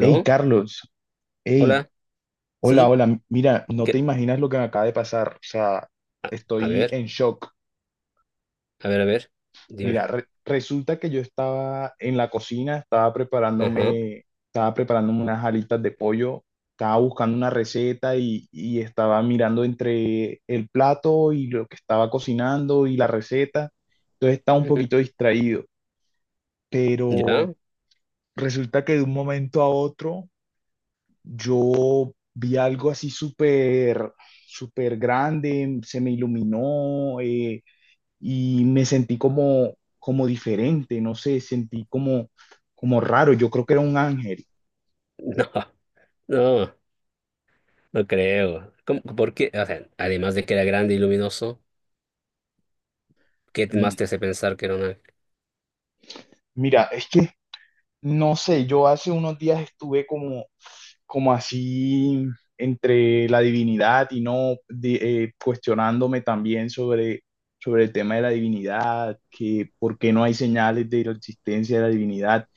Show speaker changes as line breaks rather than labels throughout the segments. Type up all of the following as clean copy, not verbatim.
Hey, Carlos, hey,
¿Hola?
hola,
¿Sí?
hola, mira, no te
¿Qué?
imaginas lo que me acaba de pasar, o sea,
A, a
estoy
ver,
en shock.
a ver, a ver. Dime.
Mira, resulta que yo estaba en la cocina,
Ajá.
estaba preparándome unas alitas de pollo, estaba buscando una receta y estaba mirando entre el plato y lo que estaba cocinando y la receta, entonces estaba un
Ujú.
poquito distraído, pero
¿Ya?
resulta que de un momento a otro yo vi algo así súper, súper grande, se me iluminó, y me sentí como, como diferente, no sé, sentí como, como raro, yo creo que era un ángel.
No, no, no creo. ¿Cómo- por qué? O sea, además de que era grande y luminoso, ¿qué más
Mm,
te hace pensar que era un ángel?
Mira, es que, no sé, yo hace unos días estuve como, como así entre la divinidad y no de- cuestionándome también sobre el tema de la divinidad, que por qué no hay señales de la existencia de la divinidad.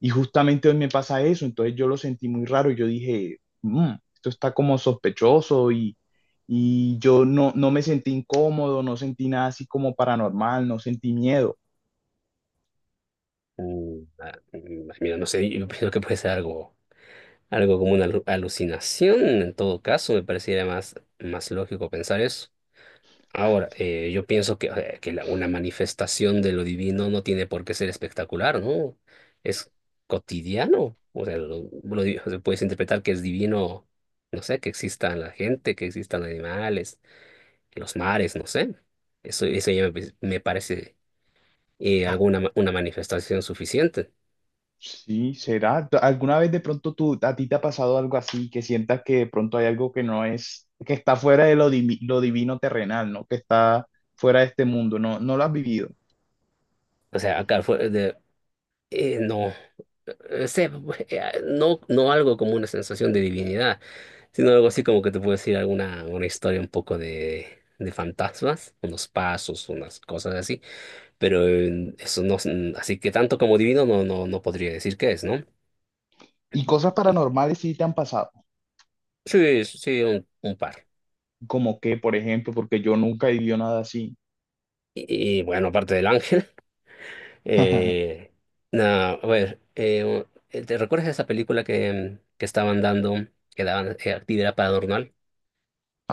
Y justamente hoy me pasa eso, entonces yo lo sentí muy raro, yo dije, "Mm, esto está como sospechoso", y yo no me sentí incómodo, no sentí nada así como paranormal, no sentí miedo.
Mira, no sé, yo pienso que puede ser algo, algo como una alu- alucinación. En todo caso, me pareciera más, más lógico pensar eso. Ahora, yo pienso que la- una manifestación de lo divino no tiene por qué ser espectacular, ¿no? Es cotidiano. O sea, lo di- o sea, puedes interpretar que es divino, no sé, que exista la gente, que existan animales, que los mares, no sé. Eso ya me parece alguna ma- una manifestación suficiente.
Sí, será. ¿Alguna vez de pronto tú, a ti te ha pasado algo así que sientas que de pronto hay algo que no es, que está fuera de lo, lo divino terrenal, ¿no? Que está fuera de este mundo, no, no lo has vivido.
O sea, acá fue de, no, sé, no, no algo como una sensación de divinidad. Sino algo así como que te puedo decir alguna una historia un poco de fantasmas, unos pasos, unas cosas así, pero eso no, es- así que tanto como divino no, no, no podría decir qué es, ¿no?
¿Y cosas paranormales sí te han pasado,
Sí, sí, sí, un par.
como que, por ejemplo? Porque yo nunca he vivido nada así.
Y, bueno, aparte del ángel, eh, nada, a ver, ¿te recuerdas esa película que estaban dando, que daban actividad para adornar?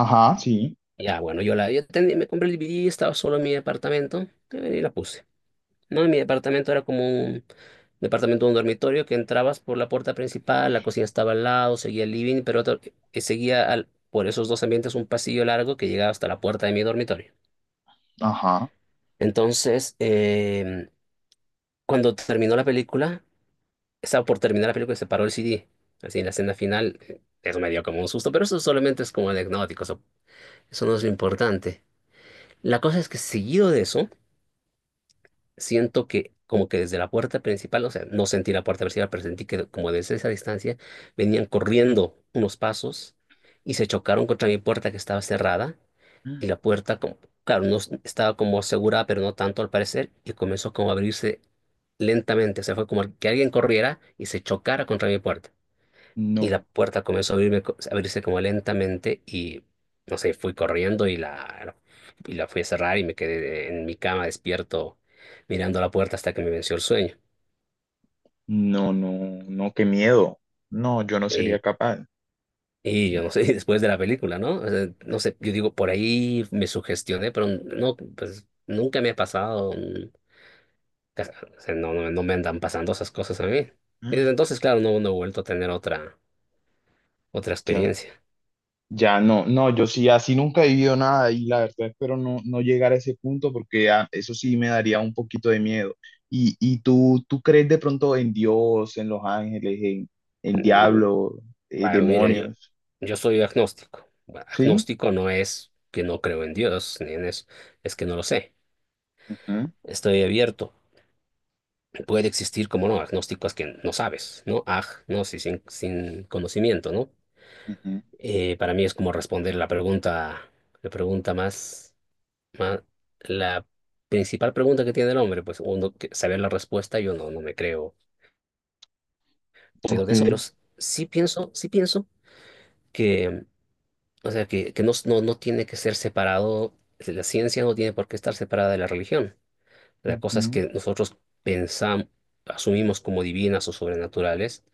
Ajá, sí,
Ya, bueno, yo tenía- me compré el DVD, estaba solo en mi apartamento y la puse. No, y mi departamento era como un departamento, un dormitorio que entrabas por la puerta principal, la cocina estaba al lado, seguía el living, pero otro- que seguía al- por esos dos ambientes un pasillo largo que llegaba hasta la puerta de mi dormitorio.
ajá.
Entonces, cuando terminó la película, estaba por terminar la película y se paró el CD. Así en la escena final, eso me dio como un susto, pero eso solamente es como anecdótico, eso no es lo importante. La cosa es que seguido de eso, siento que como que desde la puerta principal, o sea, no sentí la puerta principal, pero sentí que como desde esa distancia venían corriendo unos pasos y se chocaron contra mi puerta que estaba cerrada y la puerta, como, claro, no s- estaba como asegurada, pero no tanto al parecer, y comenzó como a abrirse lentamente, o sea, fue como que alguien corriera y se chocara contra mi puerta. Y la
No,
puerta comenzó a abrirme co- a abrirse como lentamente y, no sé, fui corriendo y la fui a cerrar y me quedé en mi cama despierto mirando la puerta hasta que me venció el sueño.
no, no, no, qué miedo. No, yo no sería
Y,
capaz.
y yo no
No.
sé, después de la película, ¿no? O sea, no sé, yo digo, por ahí me sugestioné, pero no, pues nunca me ha pasado, cas- o sea, no, no, no me andan pasando esas cosas a mí. Y desde entonces, claro, no, no he vuelto a tener otra, otra
Ya.
experiencia.
Ya no, no, yo sí, así nunca he vivido nada y la verdad espero no llegar a ese punto porque ah, eso sí me daría un poquito de miedo. Y tú, tú crees de pronto en Dios, en los ángeles, en diablo,
Bueno, mira, yo,
demonios?
yo soy agnóstico. Bueno,
¿Sí?
agnóstico no es que no creo en Dios, ni en eso, es que no lo sé.
Ujú,
Estoy abierto. Puede existir, como no, agnóstico es que no sabes, ¿no? Aj, no, sí, sin, sin conocimiento, ¿no?
ujú.
Para mí es como responder la pregunta más, más, la principal pregunta que tiene el hombre, pues uno que- saber la respuesta, yo no, no me creo. Pero
Ok,
de eso, pero s- sí pienso que o sea, que no, no, no tiene que ser separado, si la ciencia no tiene por qué estar separada de la religión. Las cosas
ujú,
que nosotros pensamos, asumimos como divinas o sobrenaturales,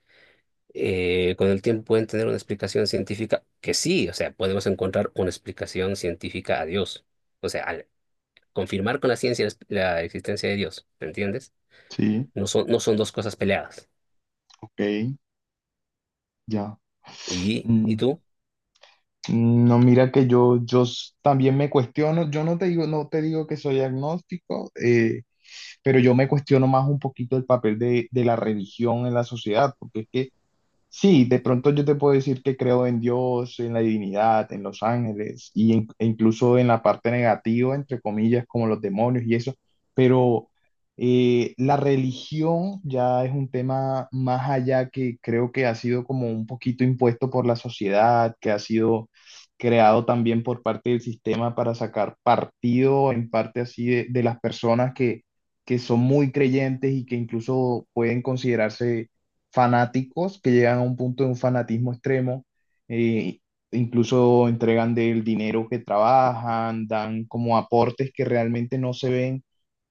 con el tiempo pueden tener una explicación científica que sí, o sea, podemos encontrar una explicación científica a Dios. O sea, al confirmar con la ciencia la, la existencia de Dios, ¿me entiendes?
sí,
No son, no son dos cosas peleadas.
ok, ya.
Y
Mm,
tú?
no, mira que yo, también me cuestiono, yo no te digo, no te digo que soy agnóstico, pero yo me cuestiono más un poquito el papel de la religión en la sociedad, porque es que sí, de pronto yo te puedo decir que creo en Dios, en la divinidad, en los ángeles y e incluso en la parte negativa, entre comillas, como los demonios y eso, pero la religión ya es un tema más allá, que creo que ha sido como un poquito impuesto por la sociedad, que ha sido creado también por parte del sistema para sacar partido en parte así de las personas que son muy creyentes y que incluso pueden considerarse fanáticos, que llegan a un punto de un fanatismo extremo, eh, incluso entregan del dinero que trabajan, dan como aportes que realmente no se ven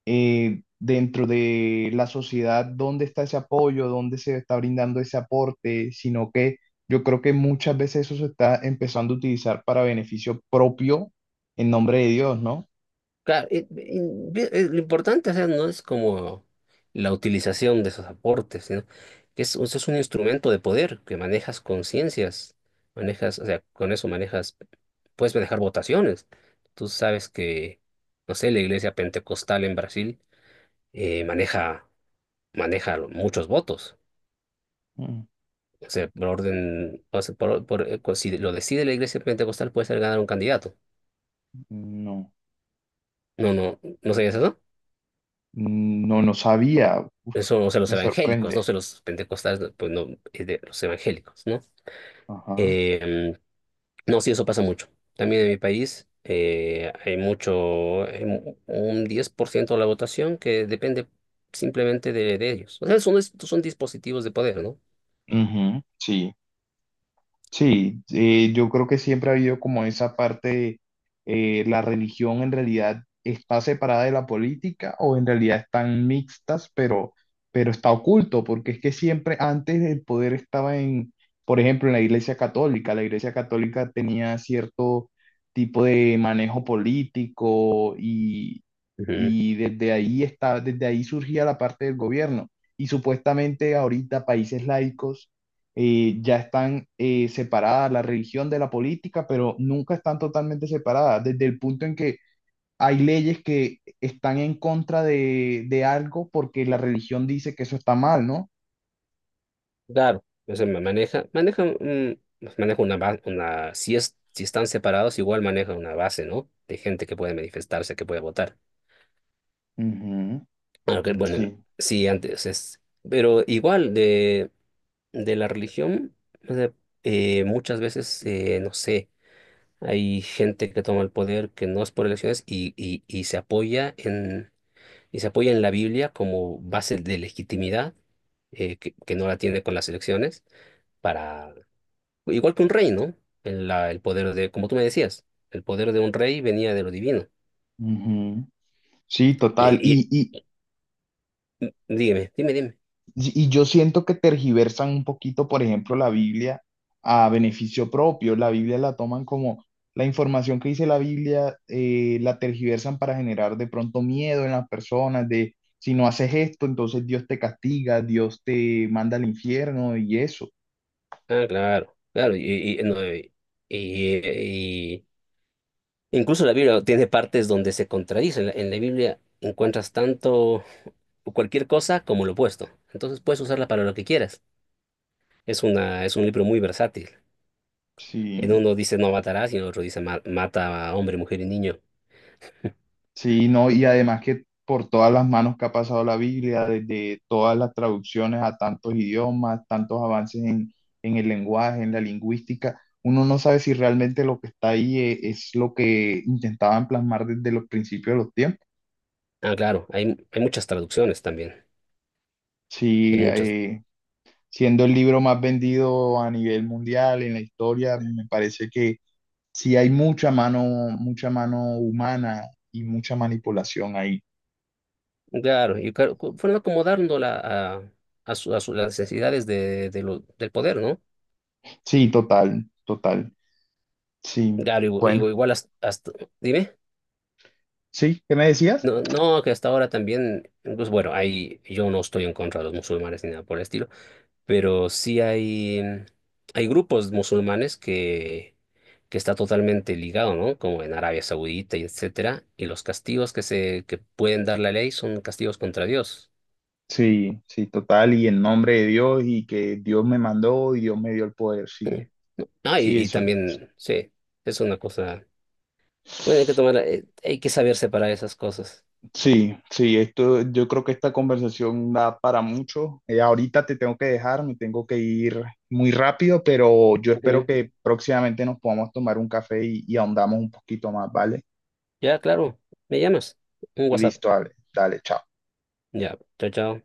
dentro de la sociedad, dónde está ese apoyo, dónde se está brindando ese aporte, sino que yo creo que muchas veces eso se está empezando a utilizar para beneficio propio en nombre de Dios, ¿no?
Claro, y vi- lo importante, o sea, no es como la utilización de esos aportes, sino que es, eso es un instrumento de poder que manejas conciencias, manejas, o sea, con eso manejas, puedes manejar votaciones. Tú sabes que, no sé, la iglesia pentecostal en Brasil maneja, maneja muchos votos.
Mm,
O sea, por orden, o sea, por- si lo decide la iglesia pentecostal, puede ser ganar un candidato.
no,
No, no, ¿no sabías eso?
no, no sabía. Uf,
Eso, o sea, los
me
evangélicos, no
sorprende.
sé, los pentecostales, no, pues no, es de los evangélicos, ¿no?
Ajá.
Em, no, sí, eso pasa mucho. También en mi país hay mucho, hay mu- un 10% de la votación que depende simplemente de ellos. O sea, son, es- son dispositivos de poder, ¿no?
Ujú, sí. Sí, yo creo que siempre ha habido como esa parte, la religión en realidad está separada de la política, o en realidad están mixtas, pero está oculto, porque es que siempre antes el poder estaba en, por ejemplo, en la Iglesia Católica. La Iglesia Católica tenía cierto tipo de manejo político
Ujú.
y desde ahí está, desde ahí surgía la parte del gobierno. Y supuestamente ahorita países laicos ya están separadas la religión de la política, pero nunca están totalmente separadas, desde el punto en que hay leyes que están en contra de algo porque la religión dice que eso está mal, ¿no?
Claro, o sea, ma- maneja, maneja, maneja una, base una, si es, si están separados, igual maneja una base, ¿no? De gente que puede manifestarse, que puede votar.
Ujú,
Aunque, bueno,
sí.
sí, antes es, pero igual de la religión, o sea, muchas veces, no sé, hay gente que toma el poder que no es por elecciones y se apoya en, y se apoya en la Biblia como base de legitimidad, que no la tiene con las elecciones, para, igual que un rey, ¿no? El, la- el poder de, como tú me decías, el poder de un rey venía de lo divino.
Ujú. Sí, total.
Y-
Y,
dígame dime, dime.
y y yo siento que tergiversan un poquito, por ejemplo, la Biblia, a beneficio propio. La Biblia la toman como la información que dice la Biblia, la tergiversan para generar de pronto miedo en las personas, de si no haces esto, entonces Dios te castiga, Dios te manda al infierno y eso.
Ah, claro, claro, y, no, y- incluso la Biblia tiene partes donde se contradicen. En la Biblia encuentras tanto cualquier cosa como lo opuesto. Entonces puedes usarla para lo que quieras. Es una, es un libro muy versátil. En
Sí.
uno dice no matarás y en otro dice "Ma- mata a hombre, mujer y niño".
Sí, no, y además que por todas las manos que ha pasado la Biblia, desde todas las traducciones a tantos idiomas, tantos avances en el lenguaje, en la lingüística, uno no sabe si realmente lo que está ahí es lo que intentaban plasmar desde los principios de los tiempos.
Ah, claro, hay muchas traducciones también. Hay
Sí,
muchas.
siendo el libro más vendido a nivel mundial en la historia, me parece que sí hay mucha mano humana y mucha manipulación ahí.
Claro, y claro, cu- fueron acomodándola a, a su- las necesidades de lo- del poder, ¿no?
Sí, total, total. Sí,
Claro, igu-
bueno.
igu- igual hasta, hasta- dime.
Sí, ¿qué me decías?
No, no, que hasta ahora también, pues bueno, hay, yo no estoy en contra de los musulmanes ni nada por el estilo, pero sí hay grupos musulmanes que está totalmente ligado, ¿no? Como en Arabia Saudita y etcétera, y los castigos que se, que pueden dar la ley son castigos contra Dios.
Sí, sí, total, y en nombre de Dios y que Dios me mandó y Dios me dio el poder, sí,
Mm. Ah,
sí,
y
eso,
también, sí, es una cosa, bueno, hay que tomar, hay que saber separar esas cosas.
sí, sí, esto, yo creo que esta conversación da para mucho. Ahorita te tengo que dejar, me tengo que ir muy rápido, pero yo espero
Ujú.
que próximamente nos podamos tomar un café y ahondamos un poquito más, ¿vale?
Ya, claro, me llamas, un WhatsApp,
Listo, dale, dale, chao.
ya, chao, chao.